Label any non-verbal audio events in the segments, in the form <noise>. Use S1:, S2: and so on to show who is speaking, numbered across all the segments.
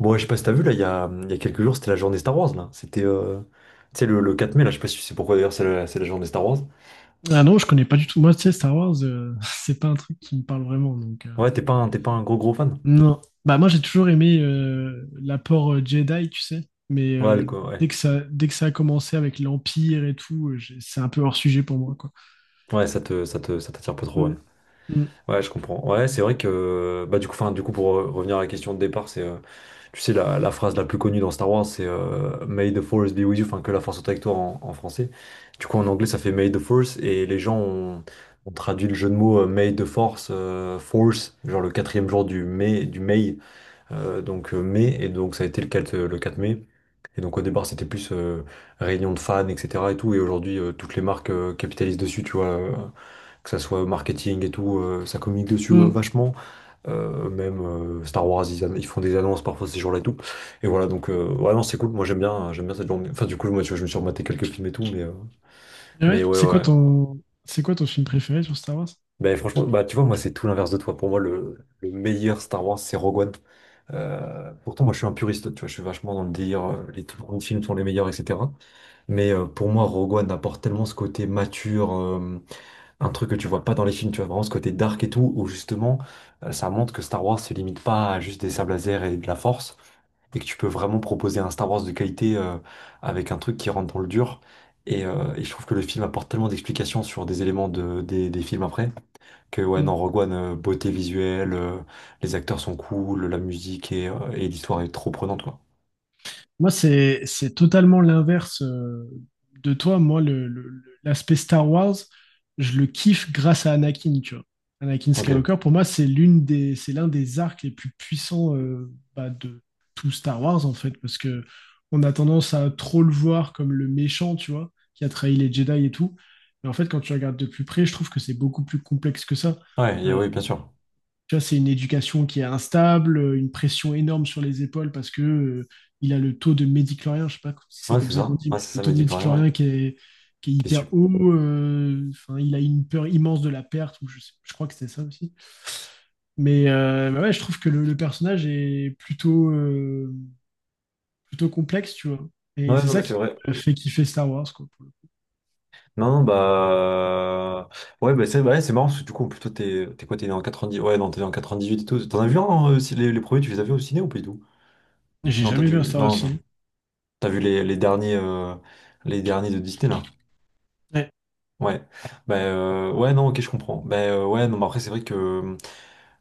S1: Bon, ouais, je sais pas si t'as vu, là, il y a quelques jours, c'était la journée Star Wars, là. C'était, tu sais, le 4 mai, là, je sais pas si c'est pourquoi, d'ailleurs, c'est la journée Star Wars.
S2: Ah non, je connais pas du tout. Moi, tu sais, Star Wars, <laughs> c'est pas un truc qui me parle vraiment.
S1: Ouais, t'es pas un gros, gros fan?
S2: Non. Bah, moi, j'ai toujours aimé l'apport Jedi, tu sais. Mais
S1: Ouais, le-
S2: euh,
S1: ouais.
S2: dès que ça, dès que ça a commencé avec l'Empire et tout, c'est un peu hors sujet pour moi, quoi.
S1: Ouais, ça t'attire pas trop, ouais.
S2: Mm, mm,
S1: Ouais, je comprends. Ouais, c'est vrai que, bah, du coup, enfin, pour revenir à la question de départ, c'est, tu sais, la phrase la plus connue dans Star Wars, c'est May the Force be with you, enfin, que la force soit avec toi en français. Du coup, en anglais, ça fait May the Force, et les gens ont traduit le jeu de mots May the Force, genre le quatrième jour du mai, du May. Donc mai, et donc ça a été le 4, le 4 mai. Et donc au départ c'était plus réunion de fans, etc. et tout, et aujourd'hui toutes les marques capitalisent dessus, tu vois, que ça soit marketing et tout, ça communique dessus
S2: mm.
S1: vachement. Même Star Wars, ils font des annonces parfois ces jours-là et tout. Et voilà, donc ouais non c'est cool, moi j'aime bien cette journée. Enfin du coup moi tu vois, je me suis rematé quelques films et tout, mais, euh,
S2: Et ouais,
S1: mais ouais ouais.
S2: c'est quoi ton film préféré sur Star Wars?
S1: Ben franchement, bah tu vois, moi c'est tout l'inverse de toi. Pour moi, le meilleur Star Wars, c'est Rogue One. Pourtant, moi je suis un puriste, tu vois, je suis vachement dans le délire, les tout grands films sont les meilleurs, etc. Mais pour moi, Rogue One apporte tellement ce côté mature, un truc que tu vois pas dans les films, tu vois, vraiment ce côté dark et tout, où justement, ça montre que Star Wars se limite pas à juste des sables laser et de la force, et que tu peux vraiment proposer un Star Wars de qualité, avec un truc qui rentre dans le dur. Et je trouve que le film apporte tellement d'explications sur des éléments de, des films après. Que ouais, dans Rogue One, beauté visuelle, les acteurs sont cool, la musique et l'histoire est trop prenante, quoi.
S2: Moi, c'est totalement l'inverse de toi. Moi, l'aspect Star Wars, je le kiffe grâce à Anakin, tu vois. Anakin
S1: Ok.
S2: Skywalker, pour moi, c'est l'un des arcs les plus puissants de tout Star Wars, en fait, parce que on a tendance à trop le voir comme le méchant, tu vois, qui a trahi les Jedi et tout. Mais en fait, quand tu regardes de plus près, je trouve que c'est beaucoup plus complexe que ça. Euh,
S1: Oui, bien sûr.
S2: Tu vois, c'est une éducation qui est instable, une pression énorme sur les épaules parce que il a le taux de médiclorien, je sais pas si c'est
S1: Ouais,
S2: comme
S1: c'est
S2: ça qu'on
S1: ça.
S2: dit,
S1: Ouais,
S2: mais
S1: c'est
S2: le
S1: ça,
S2: taux
S1: mais
S2: de
S1: dis plus rien, ouais.
S2: médiclorien qui est
S1: T'es sup.
S2: hyper haut. Enfin, il a une peur immense de la perte, ou je crois que c'était ça aussi. Mais ouais, je trouve que le personnage est plutôt complexe, tu vois. Et
S1: Ouais,
S2: c'est
S1: non, mais
S2: ça
S1: c'est
S2: qui
S1: vrai.
S2: fait kiffer Star Wars, quoi. Pour le coup.
S1: Non, non, bah. Ouais, bah, c'est ouais, c'est marrant, parce que du coup, plutôt, t'es quoi, t'es né en dix ouais, non, t'es né en huit et tout. T'en as vu un, si les premiers, tu les as vus au ciné ou pas du tout?
S2: J'ai
S1: Non, t'as
S2: jamais vu un
S1: dû...
S2: Star Wars.
S1: Non, non.
S2: Film.
S1: T'as vu les derniers... Les derniers de Disney, là?
S2: Ouais,
S1: Ouais. Bah, ouais, non, ok, je comprends. Bah, ouais, non, mais après, c'est vrai que...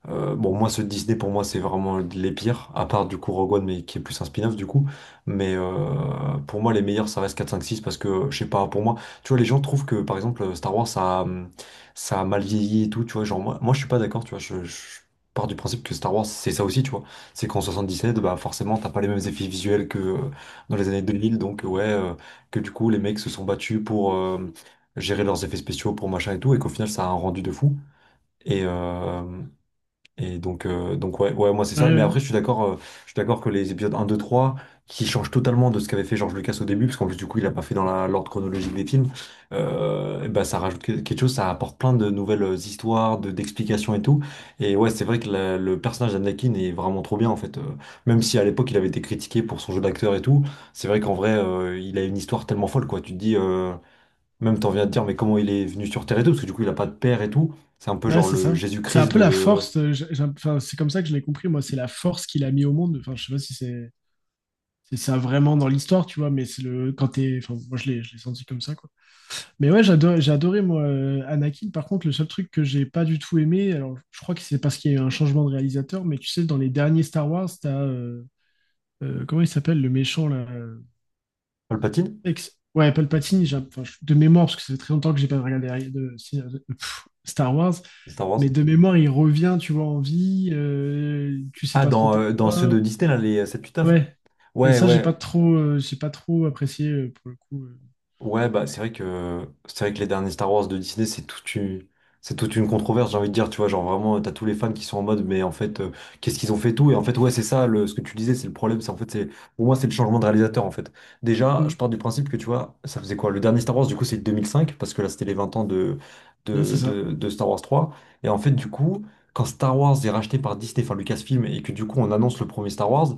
S1: Bon, moi, ceux de Disney, pour moi, c'est vraiment les pires, à part du coup Rogue One, mais qui est plus un spin-off du coup. Mais pour moi, les meilleurs, ça reste 4, 5, 6, parce que, je sais pas, pour moi, tu vois, les gens trouvent que, par exemple, Star Wars, ça a mal vieilli et tout, tu vois, genre, moi je suis pas d'accord, tu vois, je pars du principe que Star Wars, c'est ça aussi, tu vois. C'est qu'en 77, bah, forcément, t'as pas les mêmes effets visuels que dans les années 2000, donc, ouais, que du coup, les mecs se sont battus pour gérer leurs effets spéciaux, pour machin et tout, et qu'au final, ça a un rendu de fou. Et, euh, et donc, donc ouais, ouais, moi c'est
S2: ouais,
S1: ça. Mais
S2: ouais.
S1: après, je suis d'accord que les épisodes un 2 3 qui changent totalement de ce qu'avait fait George Lucas au début, parce qu'en plus, du coup, il a pas fait dans l'ordre chronologique des films, bah, ça rajoute quelque chose, ça apporte plein de nouvelles histoires, d'explications et tout. Et ouais, c'est vrai que le personnage d'Anakin est vraiment trop bien, en fait. Même si à l'époque, il avait été critiqué pour son jeu d'acteur et tout, c'est vrai qu'en vrai, il a une histoire tellement folle, quoi. Tu te dis, même t'en viens de dire, mais comment il est venu sur Terre et tout, parce que du coup, il a pas de père et tout. C'est un peu
S2: Ouais,
S1: genre
S2: c'est
S1: le
S2: ça. C'est un
S1: Jésus-Christ
S2: peu la
S1: de
S2: force. Enfin, c'est comme ça que je l'ai compris. Moi, c'est la force qu'il a mis au monde. Enfin, je sais pas si c'est ça vraiment dans l'histoire, tu vois, mais c'est le quand t'es. Enfin, moi, je l'ai senti comme ça, quoi. Mais ouais, j'ai adoré moi Anakin. Par contre, le seul truc que j'ai pas du tout aimé, alors je crois que c'est parce qu'il y a eu un changement de réalisateur, mais tu sais, dans les derniers Star Wars, t'as comment il s'appelle le méchant là.
S1: Palpatine.
S2: Ouais, Palpatine. Enfin, de mémoire, parce que ça fait très longtemps que j'ai pas regardé Star Wars.
S1: Star Wars?
S2: Mais de mémoire, il revient, tu vois, en vie, tu sais
S1: Ah,
S2: pas trop
S1: dans ceux de
S2: pourquoi.
S1: Disney, là, les 7-8-9?
S2: Ouais. Et
S1: Ouais,
S2: ça,
S1: ouais.
S2: j'ai pas trop apprécié pour le coup.
S1: Ouais, bah c'est vrai que les derniers Star Wars de Disney, c'est toute une controverse, j'ai envie de dire, tu vois, genre vraiment, t'as tous les fans qui sont en mode, mais en fait, qu'est-ce qu'ils ont fait tout? Et en fait, ouais, c'est ça, ce que tu disais, c'est le problème, c'est en fait, c'est, pour moi, c'est le changement de réalisateur, en fait. Déjà, je
S2: Mm.
S1: pars du principe que, tu vois, ça faisait quoi? Le dernier Star Wars, du coup, c'est 2005, parce que là, c'était les 20 ans de,
S2: Ouais,
S1: de,
S2: c'est ça.
S1: de, de Star Wars 3. Et en fait, du coup, quand Star Wars est racheté par Disney, enfin Lucasfilm, et que du coup, on annonce le premier Star Wars.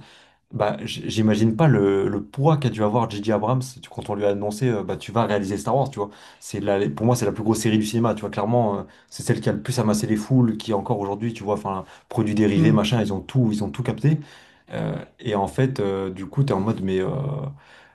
S1: Bah, j'imagine pas le, le poids qu'a dû avoir J.J. Abrams quand on lui a annoncé, bah, tu vas réaliser Star Wars, tu vois. Pour moi, c'est la plus grosse série du cinéma, tu vois. Clairement, c'est celle qui a le plus amassé les foules, qui encore aujourd'hui, tu vois, enfin, produits dérivés,
S2: Mm.
S1: machin, ils ont tout capté. Euh, et en fait, du coup, t'es en mode, mais, euh,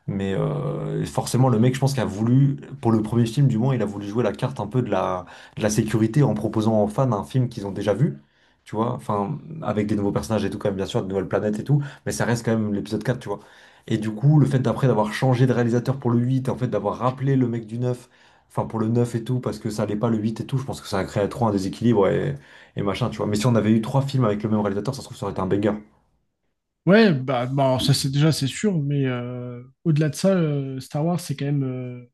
S1: mais euh, forcément, le mec, je pense, qu'il a voulu, pour le premier film, du moins, il a voulu jouer la carte un peu de la sécurité en proposant aux fans un film qu'ils ont déjà vu, tu vois, enfin, avec des nouveaux personnages et tout, quand même, bien sûr, de nouvelles planètes et tout mais ça reste quand même l'épisode 4 tu vois. Et du coup, le fait d'après d'avoir changé de réalisateur pour le 8 en fait d'avoir rappelé le mec du 9 enfin pour le 9 et tout, parce que ça allait pas le 8 et tout, je pense que ça a créé trop un déséquilibre et machin, tu vois. Mais si on avait eu trois films avec le même réalisateur, ça se trouve, ça aurait été un banger.
S2: Alors ça c'est déjà c'est sûr, mais au-delà de ça, Star Wars c'est quand même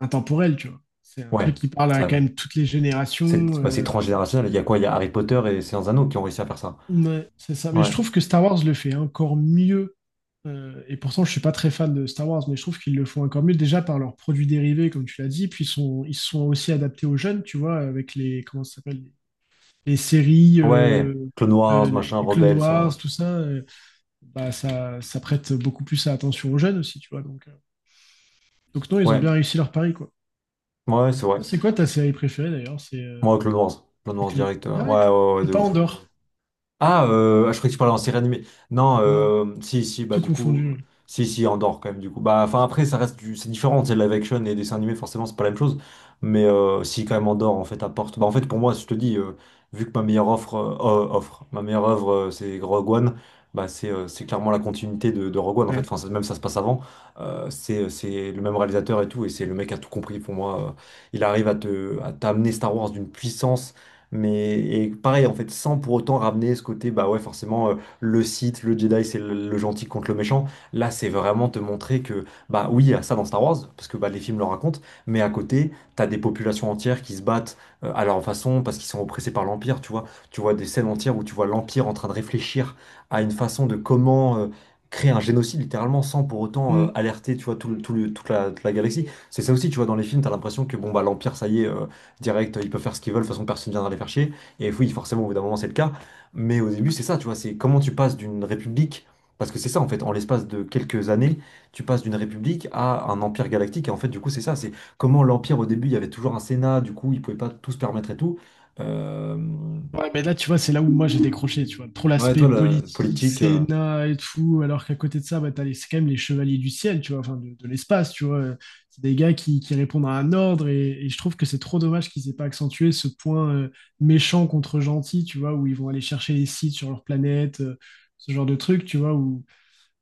S2: intemporel, tu vois. C'est un
S1: Ouais,
S2: truc qui parle à
S1: ça,
S2: quand même toutes les générations.
S1: c'est bah, c'est transgénérationnel. Il y a quoi? Il y a Harry Potter et Seigneur des Anneaux qui ont réussi à faire ça.
S2: Ouais, c'est ça. Mais je
S1: Ouais,
S2: trouve que Star Wars le fait encore mieux. Et pourtant, je suis pas très fan de Star Wars, mais je trouve qu'ils le font encore mieux déjà par leurs produits dérivés, comme tu l'as dit. Puis ils sont aussi adaptés aux jeunes, tu vois, avec les, comment ça s'appelle, les séries,
S1: ouais, Clone Wars, machin,
S2: les Clone
S1: Rebels,
S2: Wars,
S1: hein.
S2: tout ça. Ça prête beaucoup plus à attention aux jeunes aussi, tu vois. Donc non, ils ont
S1: Ouais,
S2: bien réussi leur pari, quoi.
S1: ouais, c'est vrai.
S2: C'est quoi ta série préférée d'ailleurs?
S1: Moi, Clone Wars, Clone Wars direct,
S2: Ah ouais,
S1: ouais, ouais, ouais, ouais,
S2: c'est
S1: de
S2: pas
S1: ouf.
S2: Andorre.
S1: Ah, je croyais que tu parlais en série animée. Non,
S2: Non,
S1: si, si, bah
S2: tout
S1: du coup,
S2: confondu.
S1: si, si, Andorre quand même, du coup. Bah, enfin, après, ça reste du... c'est différent, c'est live action et dessin animé, forcément, c'est pas la même chose. Mais si, quand même, Andorre, en fait, apporte. Bah, en fait, pour moi, je te dis, vu que ma meilleure offre, ma meilleure œuvre, c'est Rogue One, bah, c'est clairement la continuité de Rogue One, en fait.
S2: Ouais.
S1: Enfin, même ça se passe avant. C'est le même réalisateur et tout, et c'est le mec qui a tout compris pour moi. Il arrive à t'amener Star Wars d'une puissance. Mais et pareil, en fait, sans pour autant ramener ce côté, bah ouais, forcément, le Sith, le Jedi, c'est le gentil contre le méchant. Là, c'est vraiment te montrer que, bah oui, il y a ça dans Star Wars, parce que bah, les films le racontent, mais à côté, t'as des populations entières qui se battent à leur façon parce qu'ils sont oppressés par l'Empire, tu vois. Tu vois des scènes entières où tu vois l'Empire en train de réfléchir à une façon de comment créer un génocide littéralement sans pour autant alerter tu vois toute la galaxie c'est ça aussi tu vois dans les films t'as l'impression que bon bah l'empire ça y est direct, ils peuvent faire ce qu'ils veulent, de toute façon personne ne viendra les faire chier. Et oui, forcément, au bout d'un moment, c'est le cas. Mais au début, c'est ça, tu vois, c'est comment tu passes d'une république, parce que c'est ça en fait, en l'espace de quelques années, tu passes d'une république à un empire galactique. Et en fait, du coup, c'est ça, c'est comment l'empire au début, il y avait toujours un Sénat, du coup, ils pouvaient pas tout se permettre et tout. Euh,
S2: Ouais, mais là, tu vois, c'est là où moi j'ai décroché, tu vois. Trop
S1: Ouais,
S2: l'aspect
S1: toi, la
S2: politique,
S1: politique,
S2: Sénat et tout, alors qu'à côté de ça, bah, c'est quand même les chevaliers du ciel, tu vois, enfin, de l'espace, tu vois. C'est des gars qui répondent à un ordre et je trouve que c'est trop dommage qu'ils aient pas accentué ce point méchant contre gentil, tu vois, où ils vont aller chercher les sites sur leur planète, ce genre de truc, tu vois, où,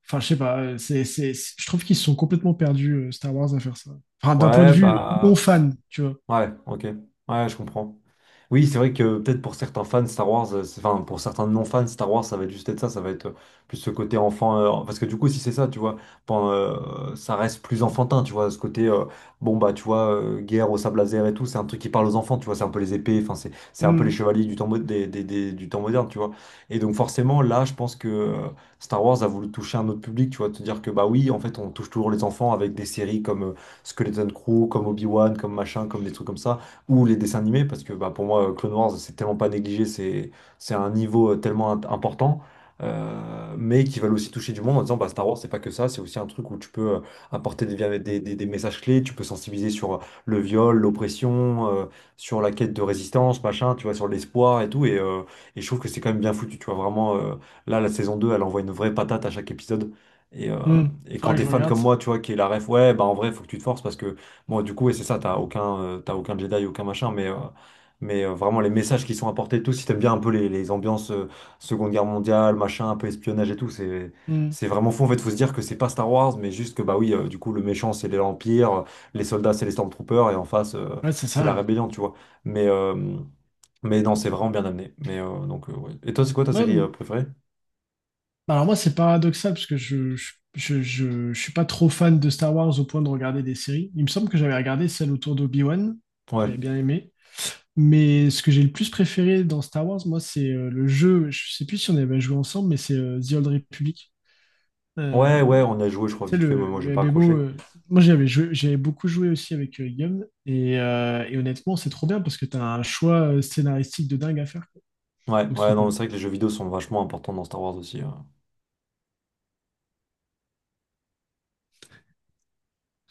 S2: enfin, je sais pas, je trouve qu'ils se sont complètement perdus, Star Wars, à faire ça. Enfin, d'un point de
S1: ouais,
S2: vue
S1: bah,
S2: non
S1: pff,
S2: fan, tu vois.
S1: ouais, ok, ouais, je comprends. Oui, c'est vrai que peut-être pour certains fans Star Wars, enfin pour certains non-fans Star Wars, ça va être juste être ça, ça va être plus ce côté enfant, parce que du coup, si c'est ça, tu vois, ça reste plus enfantin, tu vois, ce côté, bon bah tu vois, guerre au sable laser et tout, c'est un truc qui parle aux enfants, tu vois, c'est un peu les épées, enfin c'est un peu les
S2: Hmm,
S1: chevaliers du temps, du temps moderne, tu vois. Et donc forcément, là, je pense que Star Wars a voulu toucher un autre public, tu vois, te dire que bah oui, en fait, on touche toujours les enfants avec des séries comme Skeleton Crew, comme Obi-Wan, comme machin, comme des trucs comme ça ou les dessins animés, parce que bah, pour moi, Clone Wars, c'est tellement pas négligé, c'est un niveau tellement important, mais qui valent aussi toucher du monde en disant bah, Star Wars, c'est pas que ça, c'est aussi un truc où tu peux apporter des, via- des messages clés, tu peux sensibiliser sur le viol, l'oppression, sur la quête de résistance, machin, tu vois, sur l'espoir et tout, et je trouve que c'est quand même bien foutu, tu vois, vraiment. Là, la saison 2 elle envoie une vraie patate à chaque épisode. Et, euh,
S2: hmm.
S1: et quand
S2: Faudra que
S1: t'es
S2: je
S1: fan
S2: regarde
S1: comme
S2: ça.
S1: moi, tu vois, qui est la ref, ouais, bah en vrai, faut que tu te forces parce que bon, du coup, et c'est ça, t'as aucun Jedi, aucun machin, mais vraiment les messages qui sont apportés et tout, si t'aimes bien un peu les ambiances Seconde Guerre mondiale, machin, un peu espionnage et tout, c'est,
S2: Hmm.
S1: c'est vraiment fou. En fait, faut se dire que c'est pas Star Wars, mais juste que, bah oui, du coup, le méchant, c'est l'Empire, les soldats, c'est les Stormtroopers, et en face,
S2: Ouais, c'est
S1: c'est la
S2: ça.
S1: rébellion, tu vois. Mais, euh, mais non, c'est vraiment bien amené. Donc ouais. Et toi, c'est quoi ta
S2: Ouais,
S1: série
S2: m-
S1: préférée?
S2: alors moi c'est paradoxal parce que je suis pas trop fan de Star Wars au point de regarder des séries. Il me semble que j'avais regardé celle autour d'Obi-Wan, que
S1: Ouais.
S2: j'avais bien aimé. Mais ce que j'ai le plus préféré dans Star Wars, moi, c'est le jeu, je sais plus si on avait joué ensemble, mais c'est The Old Republic. Euh,
S1: Ouais, ouais, on a joué, je
S2: tu
S1: crois,
S2: sais,
S1: vite fait, mais moi, j'ai
S2: le
S1: pas
S2: MMO,
S1: accroché.
S2: moi j'avais joué, j'avais beaucoup joué aussi avec Guillaume, et honnêtement, c'est trop bien parce que tu as un choix scénaristique de dingue à faire. Quoi.
S1: Ouais,
S2: Donc c'est
S1: ouais,
S2: trop
S1: non,
S2: cool.
S1: c'est vrai que les jeux vidéo sont vachement importants dans Star Wars aussi.